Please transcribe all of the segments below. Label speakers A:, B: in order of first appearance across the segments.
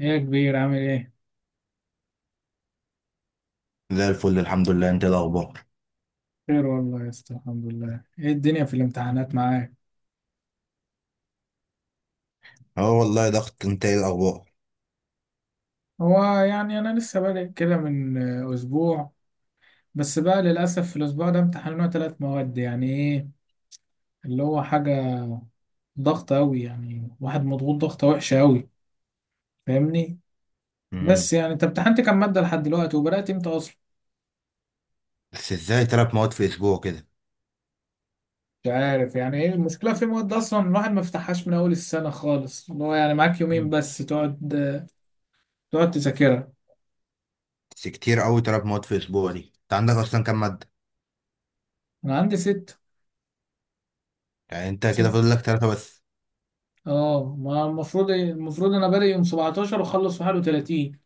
A: ايه يا كبير؟ عامل ايه؟
B: زي الفل الحمد لله. انت ايه الاخبار؟
A: خير والله يا اسطى الحمد لله. ايه الدنيا في الامتحانات معاك؟
B: اه، والله ضغط. انت ايه الاخبار؟
A: هو يعني انا لسه بادئ كده من اسبوع، بس بقى للاسف في الاسبوع ده امتحاننا ثلاث مواد، يعني ايه اللي هو حاجة ضغط قوي، يعني واحد مضغوط ضغطة وحشة قوي. فاهمني؟
B: امم.
A: بس يعني انت امتحنت كام مادة لحد دلوقتي وبدأت امتى اصلا؟
B: بس ازاي تلات مواد في اسبوع كده؟
A: مش عارف، يعني ايه المشكلة؟ في مواد اصلا الواحد ما فتحهاش من اول السنة خالص، اللي هو يعني معاك يومين
B: مم.
A: بس تقعد تذاكرها.
B: بس كتير قوي تلات مواد في اسبوع دي. انت عندك اصلا كام ماده؟
A: انا عندي ست.
B: يعني انت
A: ست.
B: كده فاضل لك ثلاثه بس.
A: اه، ما المفروض إيه، المفروض انا بادئ يوم 17 واخلص 31.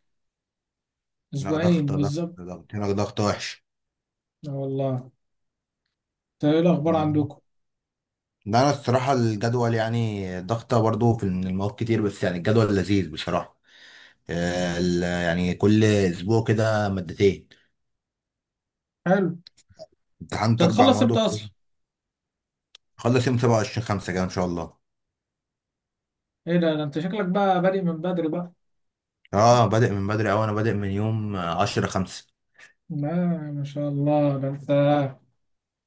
B: لا،
A: اسبوعين
B: ضغطه ضغط
A: بالظبط.
B: ضغط هنا ضغط وحش.
A: اه والله. انت ايه الاخبار
B: مم.
A: عندكم؟
B: لا، انا الصراحه الجدول يعني ضغطه برضو في من المواد كتير، بس يعني الجدول لذيذ بصراحه. يعني كل اسبوع كده مادتين.
A: حلو. انت
B: امتحنت اربع
A: هتخلص
B: مواد
A: امتى اصلا؟
B: وخلص يوم 27 5 كده ان شاء الله.
A: ايه ده، ده انت شكلك بقى بادئ من بدري بقى.
B: اه، بادئ من بدري اوي. انا بادئ من يوم 10 5.
A: لا، ما شاء الله، ده انت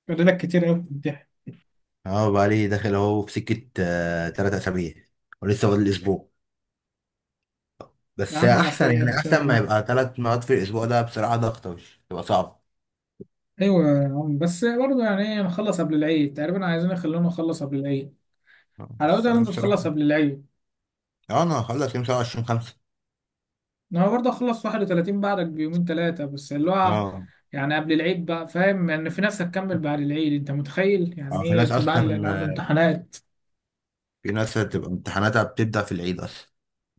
A: فاضلك كتير قوي بتمتحن.
B: اه، بقالي داخل اهو في سكة 3 اسابيع. ولسه فاضل اسبوع.
A: يا
B: بس
A: عم على
B: احسن،
A: خير
B: يعني
A: ان شاء
B: احسن ما
A: الله.
B: يبقى تلات مرات في الاسبوع ده. بصراحة ضغط وش تبقى صعب.
A: ايوه يا عم، بس برضه يعني ايه، نخلص قبل العيد تقريبا، عايزين يخلونا نخلص قبل العيد.
B: بس
A: حلاوتها ان
B: يعني
A: انت تخلص
B: بصراحة.
A: قبل العيد.
B: اه، انا هخلص يوم 27 5.
A: انا برضه اخلص 31، بعدك بيومين ثلاثه بس، اللي هو
B: اه.
A: يعني قبل العيد بقى. فاهم، يعني في ناس هتكمل بعد العيد، انت متخيل يعني
B: اه، في ناس
A: ايه؟ بعد
B: اصلا.
A: العيد عنده امتحانات.
B: في ناس بتبقى امتحاناتها بتبدأ في العيد اصلا.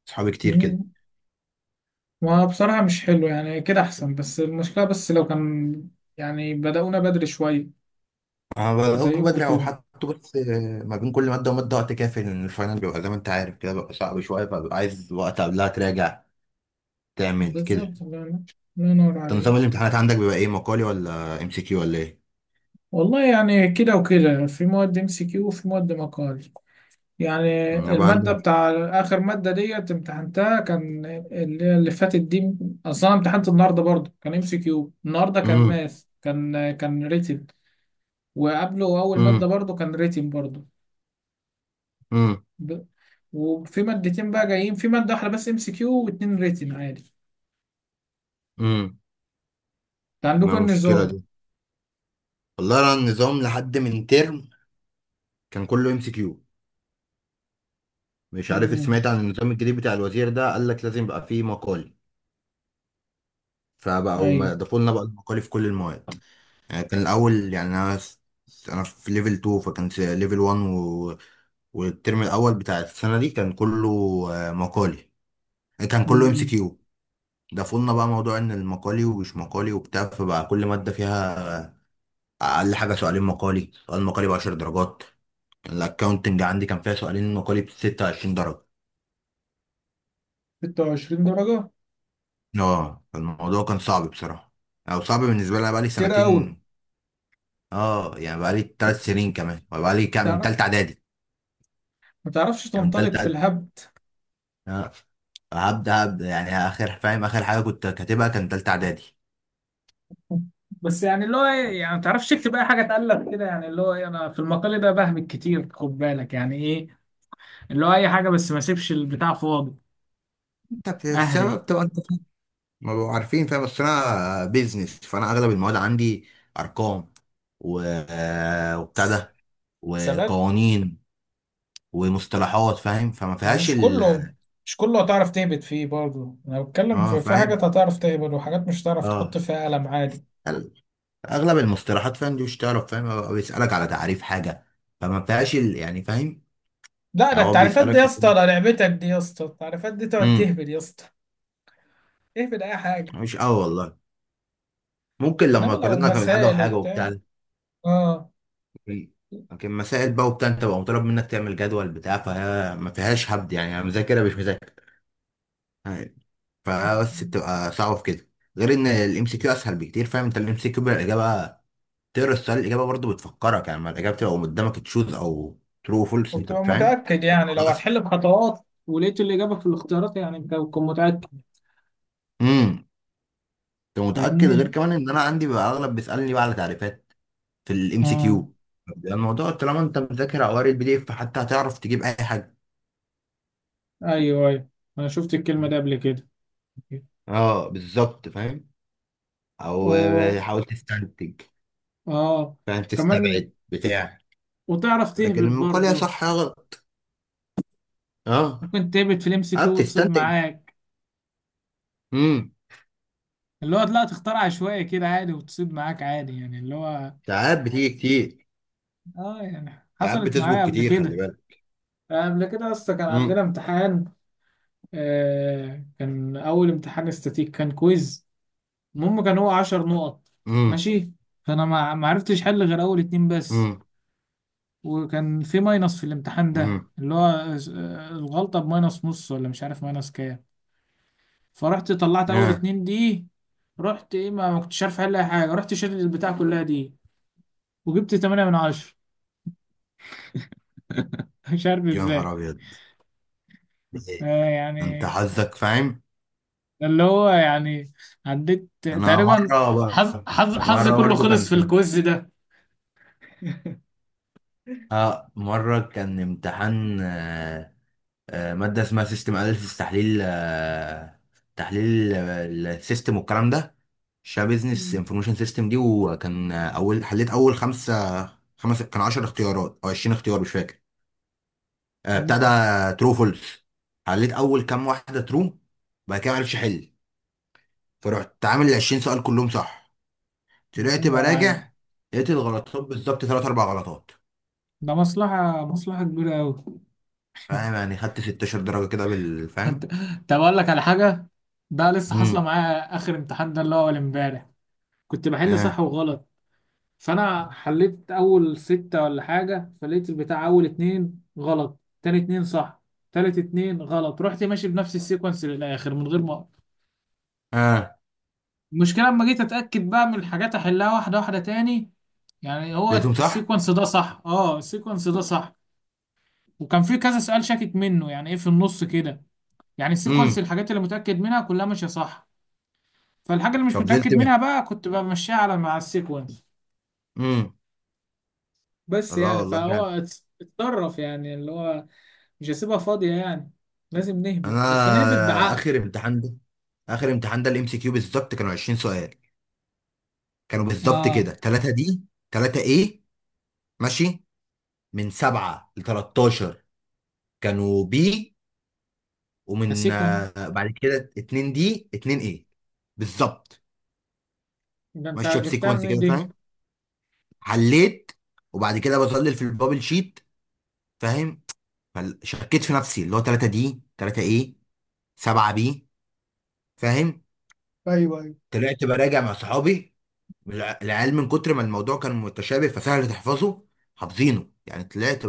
B: اصحابي كتير كده.
A: مم. وبصراحه مش حلو يعني، كده احسن، بس المشكله بس لو كان يعني بدأونا بدري شويه
B: انا بدأت
A: زيكم
B: بدري او
A: كده.
B: حتى. بس ما بين كل مادة ومادة وقت كافي، لان الفاينل بيبقى زي ما انت عارف كده بيبقى صعب شوية، فببقى عايز وقت قبلها تراجع تعمل كده.
A: بالظبط، الله ينور، الله ينور
B: طب، نظام
A: عليك.
B: الامتحانات عندك بيبقى ايه؟ مقالي ولا ام سي كيو ولا ايه؟
A: والله يعني كده وكده، في مواد ام سي كيو وفي مواد مقالي. يعني
B: انا بقى
A: المادة
B: عندي.
A: بتاع آخر مادة ديت امتحنتها كان اللي فاتت دي. أصلا امتحنت النهاردة برضه، كان ام سي كيو، النهاردة كان
B: امم.
A: ماث، كان ريتن. وقبله أول مادة
B: امم.
A: برضه كان ريتن برضه.
B: امم.
A: ب- وفي مادتين بقى جايين، في مادة واحدة بس ام سي كيو واتنين ريتن عادي.
B: امم.
A: انت
B: ما
A: عندكم إيه
B: المشكله
A: النظام؟
B: دي. والله انا النظام لحد من ترم كان كله ام سي كيو. مش عارف
A: امم.
B: سمعت عن النظام الجديد بتاع الوزير ده؟ قال لك لازم يبقى فيه مقالي، فبقوا ما
A: أيوه.
B: ضافوا لنا بقى المقالي في كل المواد. يعني كان الاول، يعني انا انا في ليفل 2 فكان في ليفل 1 والترم الاول بتاع السنه دي كان كله مقالي كان كله ام سي
A: امم.
B: كيو. ده فضلنا بقى موضوع ان المقالي ومش مقالي وبتاع، فبقى كل ماده فيها اقل حاجه سؤالين مقالي. سؤال مقالي ب 10 درجات. الاكاونتنج عندي كان فيها سؤالين مقالي ب 26 درجه.
A: 26 درجة؟
B: اه، الموضوع كان صعب بصراحه. او صعب بالنسبه لي. أنا بقى لي
A: كتير أوي.
B: سنتين. اه، يعني بقى لي 3 سنين كمان. بقى لي كام من
A: تعرف،
B: ثالثه اعدادي.
A: ما تعرفش
B: يعني من
A: تنطلق
B: ثالثه
A: في
B: اعدادي.
A: الهبد.
B: اه. هبدا يعني اخر فاهم اخر حاجه كنت كاتبها كان ثالثه اعدادي.
A: بس يعني اللي هو إيه، يعني ما تعرفش تكتب اي حاجه تقلب كده، يعني اللي هو إيه، انا في المقال ده بهمك كتير، خد بالك يعني ايه، اللي هو اي حاجه بس ما اسيبش البتاع فاضي.
B: انت في
A: اهري.
B: السبب تبقى انت. ما بقوا عارفين فاهم. بس انا بيزنس، فانا اغلب المواد عندي ارقام و... وبتاع ده،
A: ثبات.
B: وقوانين، ومصطلحات، فاهم؟ فما
A: ما هو
B: فيهاش
A: مش كله، مش كله هتعرف تهبط فيه برضه. انا بتكلم
B: اه،
A: في
B: فاهم.
A: حاجات هتعرف تهبط، وحاجات مش هتعرف
B: اه.
A: تحط فيها قلم عادي.
B: ال- اغلب المصطلحات فاهم دي مش تعرف. فاهم؟ هو بيسالك على تعريف حاجه، فما فيهاش يعني فاهم.
A: لا، ده
B: يعني هو
A: التعريفات دي
B: بيسالك
A: يا
B: في
A: اسطى،
B: حاجه.
A: ده لعبتك دي يا اسطى، التعريفات دي تقعد
B: امم.
A: تهبط يا اسطى. اهبط اي حاجه.
B: مش قوي والله. ممكن لما
A: انما لو
B: قارنا كان حاجه
A: مسائل
B: وحاجه وبتاع.
A: وبتاع، اه.
B: لكن مسائل بقى وبتاع، انت بقى مطالب منك تعمل جدول بتاع، فهي ما فيهاش هبد. يعني انا مذاكرها مش مذاكر، فبس بتبقى صعبة في كده. غير ان الام سي كيو اسهل بكتير. فاهم؟ انت الام سي كيو الاجابة تقرا السؤال، الاجابة برضه بتفكرك، يعني ما الاجابة بتبقى قدامك تشوز او ترو فولس. انت
A: وبتبقى
B: فاهم؟
A: متأكد، يعني
B: الموضوع
A: لو
B: اسهل.
A: هتحل بخطوات ولقيت الإجابة في الاختيارات يعني أنت بتكون متأكد.
B: امم. انت متأكد غير
A: فاهمني؟
B: كمان ان انا عندي بقى اغلب بيسألني بقى على تعريفات في الام سي
A: آه.
B: كيو. الموضوع طالما انت مذاكر او قاري البي دي اف، فحتى هتعرف تجيب اي حاجة.
A: أيوه أيوه، أنا شفت الكلمة دي قبل كده.
B: اه، بالظبط فاهم.
A: و…
B: او حاول تستنتج.
A: آه.
B: فاهم،
A: كمان
B: تستبعد بتاع.
A: وتعرف
B: لكن
A: تهبط
B: المقال يا
A: برضه،
B: صح يا غلط. اه.
A: ممكن تهبط في الام سي
B: اه،
A: كيو وتصيب
B: بتستنتج.
A: معاك.
B: امم.
A: اللي هو لا، تختار عشوائي كده عادي وتصيب معاك عادي، يعني اللي هو…
B: ساعات بتيجي كتير.
A: آه، يعني
B: ساعات
A: حصلت
B: بتسبق
A: معايا قبل
B: كتير، خلي
A: كده.
B: بالك.
A: قبل كده أصلا كان عندنا
B: امم.
A: امتحان. آه، كان أول امتحان استاتيك، كان كويز. المهم كان هو 10 نقط.
B: امم.
A: ماشي. فانا ما عرفتش حل غير اول اتنين بس.
B: امم.
A: وكان في ماينص في الامتحان ده،
B: امم.
A: اللي هو الغلطة بماينص نص، ولا مش عارف ماينص كام. فرحت طلعت اول
B: يا
A: اتنين دي. رحت ايه، ما كنتش عارف احل اي حاجة، رحت شلت البتاع كلها دي. وجبت 8 من 10. مش عارف
B: يا نهار
A: ازاي.
B: ابيض! إيه؟
A: آه
B: انت
A: يعني.
B: حظك فاهم.
A: ده اللي هو يعني عديت
B: انا
A: تقريبا.
B: مره.
A: حظ
B: ب-
A: حظ حظ
B: مره
A: كله
B: برضه كان
A: خلص في
B: كان
A: الكويز ده.
B: اه، مره كان امتحان. ماده اسمها سيستم اناليسيس. تحليل تحليل السيستم والكلام ده، شبه بزنس
A: مم.
B: انفورميشن سيستم دي. وكان اول حليت اول خمسه. خمس كان 10 اختيارات او 20 اختيار مش فاكر. ابتدى
A: مم.
B: ترو فولس. حليت اول كام واحده ترو، بعد كده معرفش احل، فرحت عامل ال 20 سؤال كلهم صح.
A: الله
B: طلعت
A: ينور عليك.
B: براجع لقيت الغلطات بالظبط ثلاث اربع غلطات.
A: ده مصلحة كبيرة أوي.
B: فاهم؟ يعني خدت 16 درجه كده
A: أنت.
B: بالفهم.
A: طب أقول لك على حاجة، ده لسه حاصلة
B: امم.
A: معايا آخر امتحان ده، اللي هو أول إمبارح كنت بحل
B: اه.
A: صح وغلط. فأنا حليت أول ستة ولا حاجة، فلقيت البتاع أول اتنين غلط، تاني اتنين صح، تالت اتنين غلط، رحت ماشي بنفس السيكونس للآخر من غير ما أقف.
B: اه،
A: المشكلة لما جيت أتأكد بقى من الحاجات أحلها واحدة واحدة تاني، يعني هو
B: لقيتهم صح.
A: السيكونس ده صح، اه السيكونس ده صح. وكان في كذا سؤال شاكك منه، يعني ايه في النص كده، يعني السيكونس
B: امم.
A: الحاجات اللي متأكد منها كلها ماشية صح، فالحاجة اللي مش
B: طب زلت.
A: متأكد منها بقى كنت بمشيها على مع السيكونس.
B: امم.
A: بس
B: الله،
A: يعني
B: والله
A: فهو
B: جامد.
A: اتصرف، يعني اللي هو مش هسيبها فاضية يعني، لازم نهبط
B: انا
A: بس نهبط بعقل.
B: اخر امتحان ده اخر امتحان ده الام سي كيو بالظبط كانوا 20 سؤال. كانوا بالظبط كده
A: اه.
B: 3 دي 3 ايه، ماشي من 7 ل 13 كانوا بي، ومن
A: السيكونس
B: بعد كده 2 دي 2 ايه بالظبط.
A: ده انت
B: ماشيه
A: جبتها
B: بسيكونس
A: منين
B: كده،
A: دي؟
B: فاهم؟ حليت وبعد كده بظلل في البابل شيت. فاهم؟ فشكيت في نفسي اللي هو 3 دي 3 ايه 7 بي، فاهم؟
A: ايوه ايوه.
B: طلعت براجع مع صحابي. العيال من كتر ما الموضوع كان متشابه فسهل تحفظه، حافظينه يعني. طلعت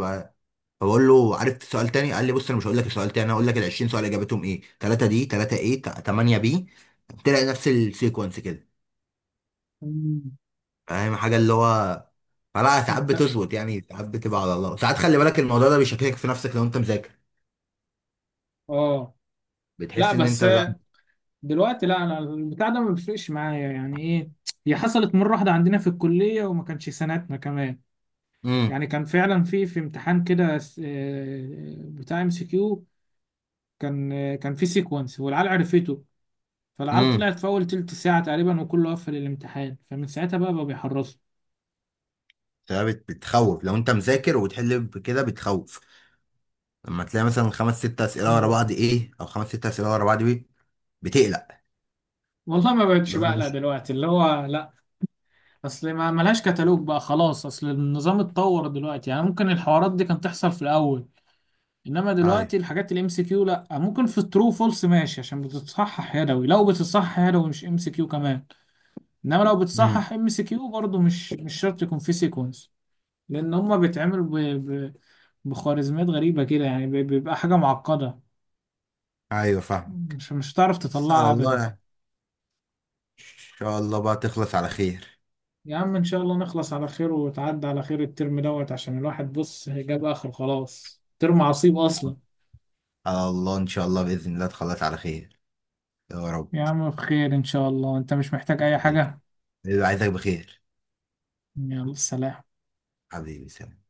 B: فبقول له عرفت سؤال تاني. قال لي بص انا مش هقول لك السؤال تاني، انا هقول لك ال 20 سؤال اجابتهم ايه. 3 دي 3 ايه 8 بي، تلاقي نفس السيكونس كده.
A: مم.
B: فاهم حاجه اللي هو؟ فلا، ساعات
A: انت.
B: بتظبط يعني، ساعات بتبقى على الله. ساعات خلي بالك الموضوع ده بيشككك في نفسك لو انت مذاكر،
A: اه. لا
B: بتحس ان انت
A: بس،
B: لا.
A: دلوقتي لا، انا البتاع ده ما بيفرقش معايا، يعني ايه، هي حصلت مرة واحدة عندنا في الكلية وما كانش سنتنا كمان.
B: امم.
A: يعني كان فعلا في امتحان كده، بتاع ام سي كيو، كان كان في سيكونس والعيال عرفته، فالعيال
B: امم.
A: طلعت في اول تلت ساعه تقريبا وكله قفل الامتحان، فمن ساعتها بقى بيحرصوا.
B: بتخوف. لو انت مذاكر وبتحل بكده بتخوف لما تلاقي مثلا خمس ست اسئله ورا
A: مم.
B: بعض ايه، او خمس ست اسئله ورا بعض بي، بتقلق.
A: والله ما بقتش
B: لو انا
A: بقلق
B: مش.
A: دلوقتي، اللي هو لا. اصل ما ملهاش كتالوج بقى خلاص، اصل النظام اتطور دلوقتي، يعني ممكن الحوارات دي كانت تحصل في الاول. انما
B: ايوه.
A: دلوقتي الحاجات الام سي كيو لا، ممكن في الترو فولس ماشي عشان بتتصحح يدوي، لو بتتصحح يدوي مش ام سي كيو كمان. انما لو
B: امم.
A: بتصحح ام سي كيو برضه مش شرط يكون في سيكونس، لان هما بيتعملوا ب... بخوارزميات غريبه كده، يعني بيبقى حاجه معقده،
B: ايوه فاهم.
A: مش هتعرف
B: بس على
A: تطلعها
B: الله
A: ابدا.
B: يعني. ان شاء الله بقى تخلص على خير.
A: يا عم ان شاء الله نخلص على خير وتعدي على خير الترم دوت، عشان الواحد بص جاب اخر، خلاص ترم عصيب اصلا.
B: على الله، ان شاء الله، باذن الله تخلص على خير. يا رب.
A: يا عم بخير ان شاء الله، انت مش محتاج اي
B: حبيبي.
A: حاجه؟
B: حبيبي، عايزك بخير.
A: يلا سلام.
B: حبيبي، سلام.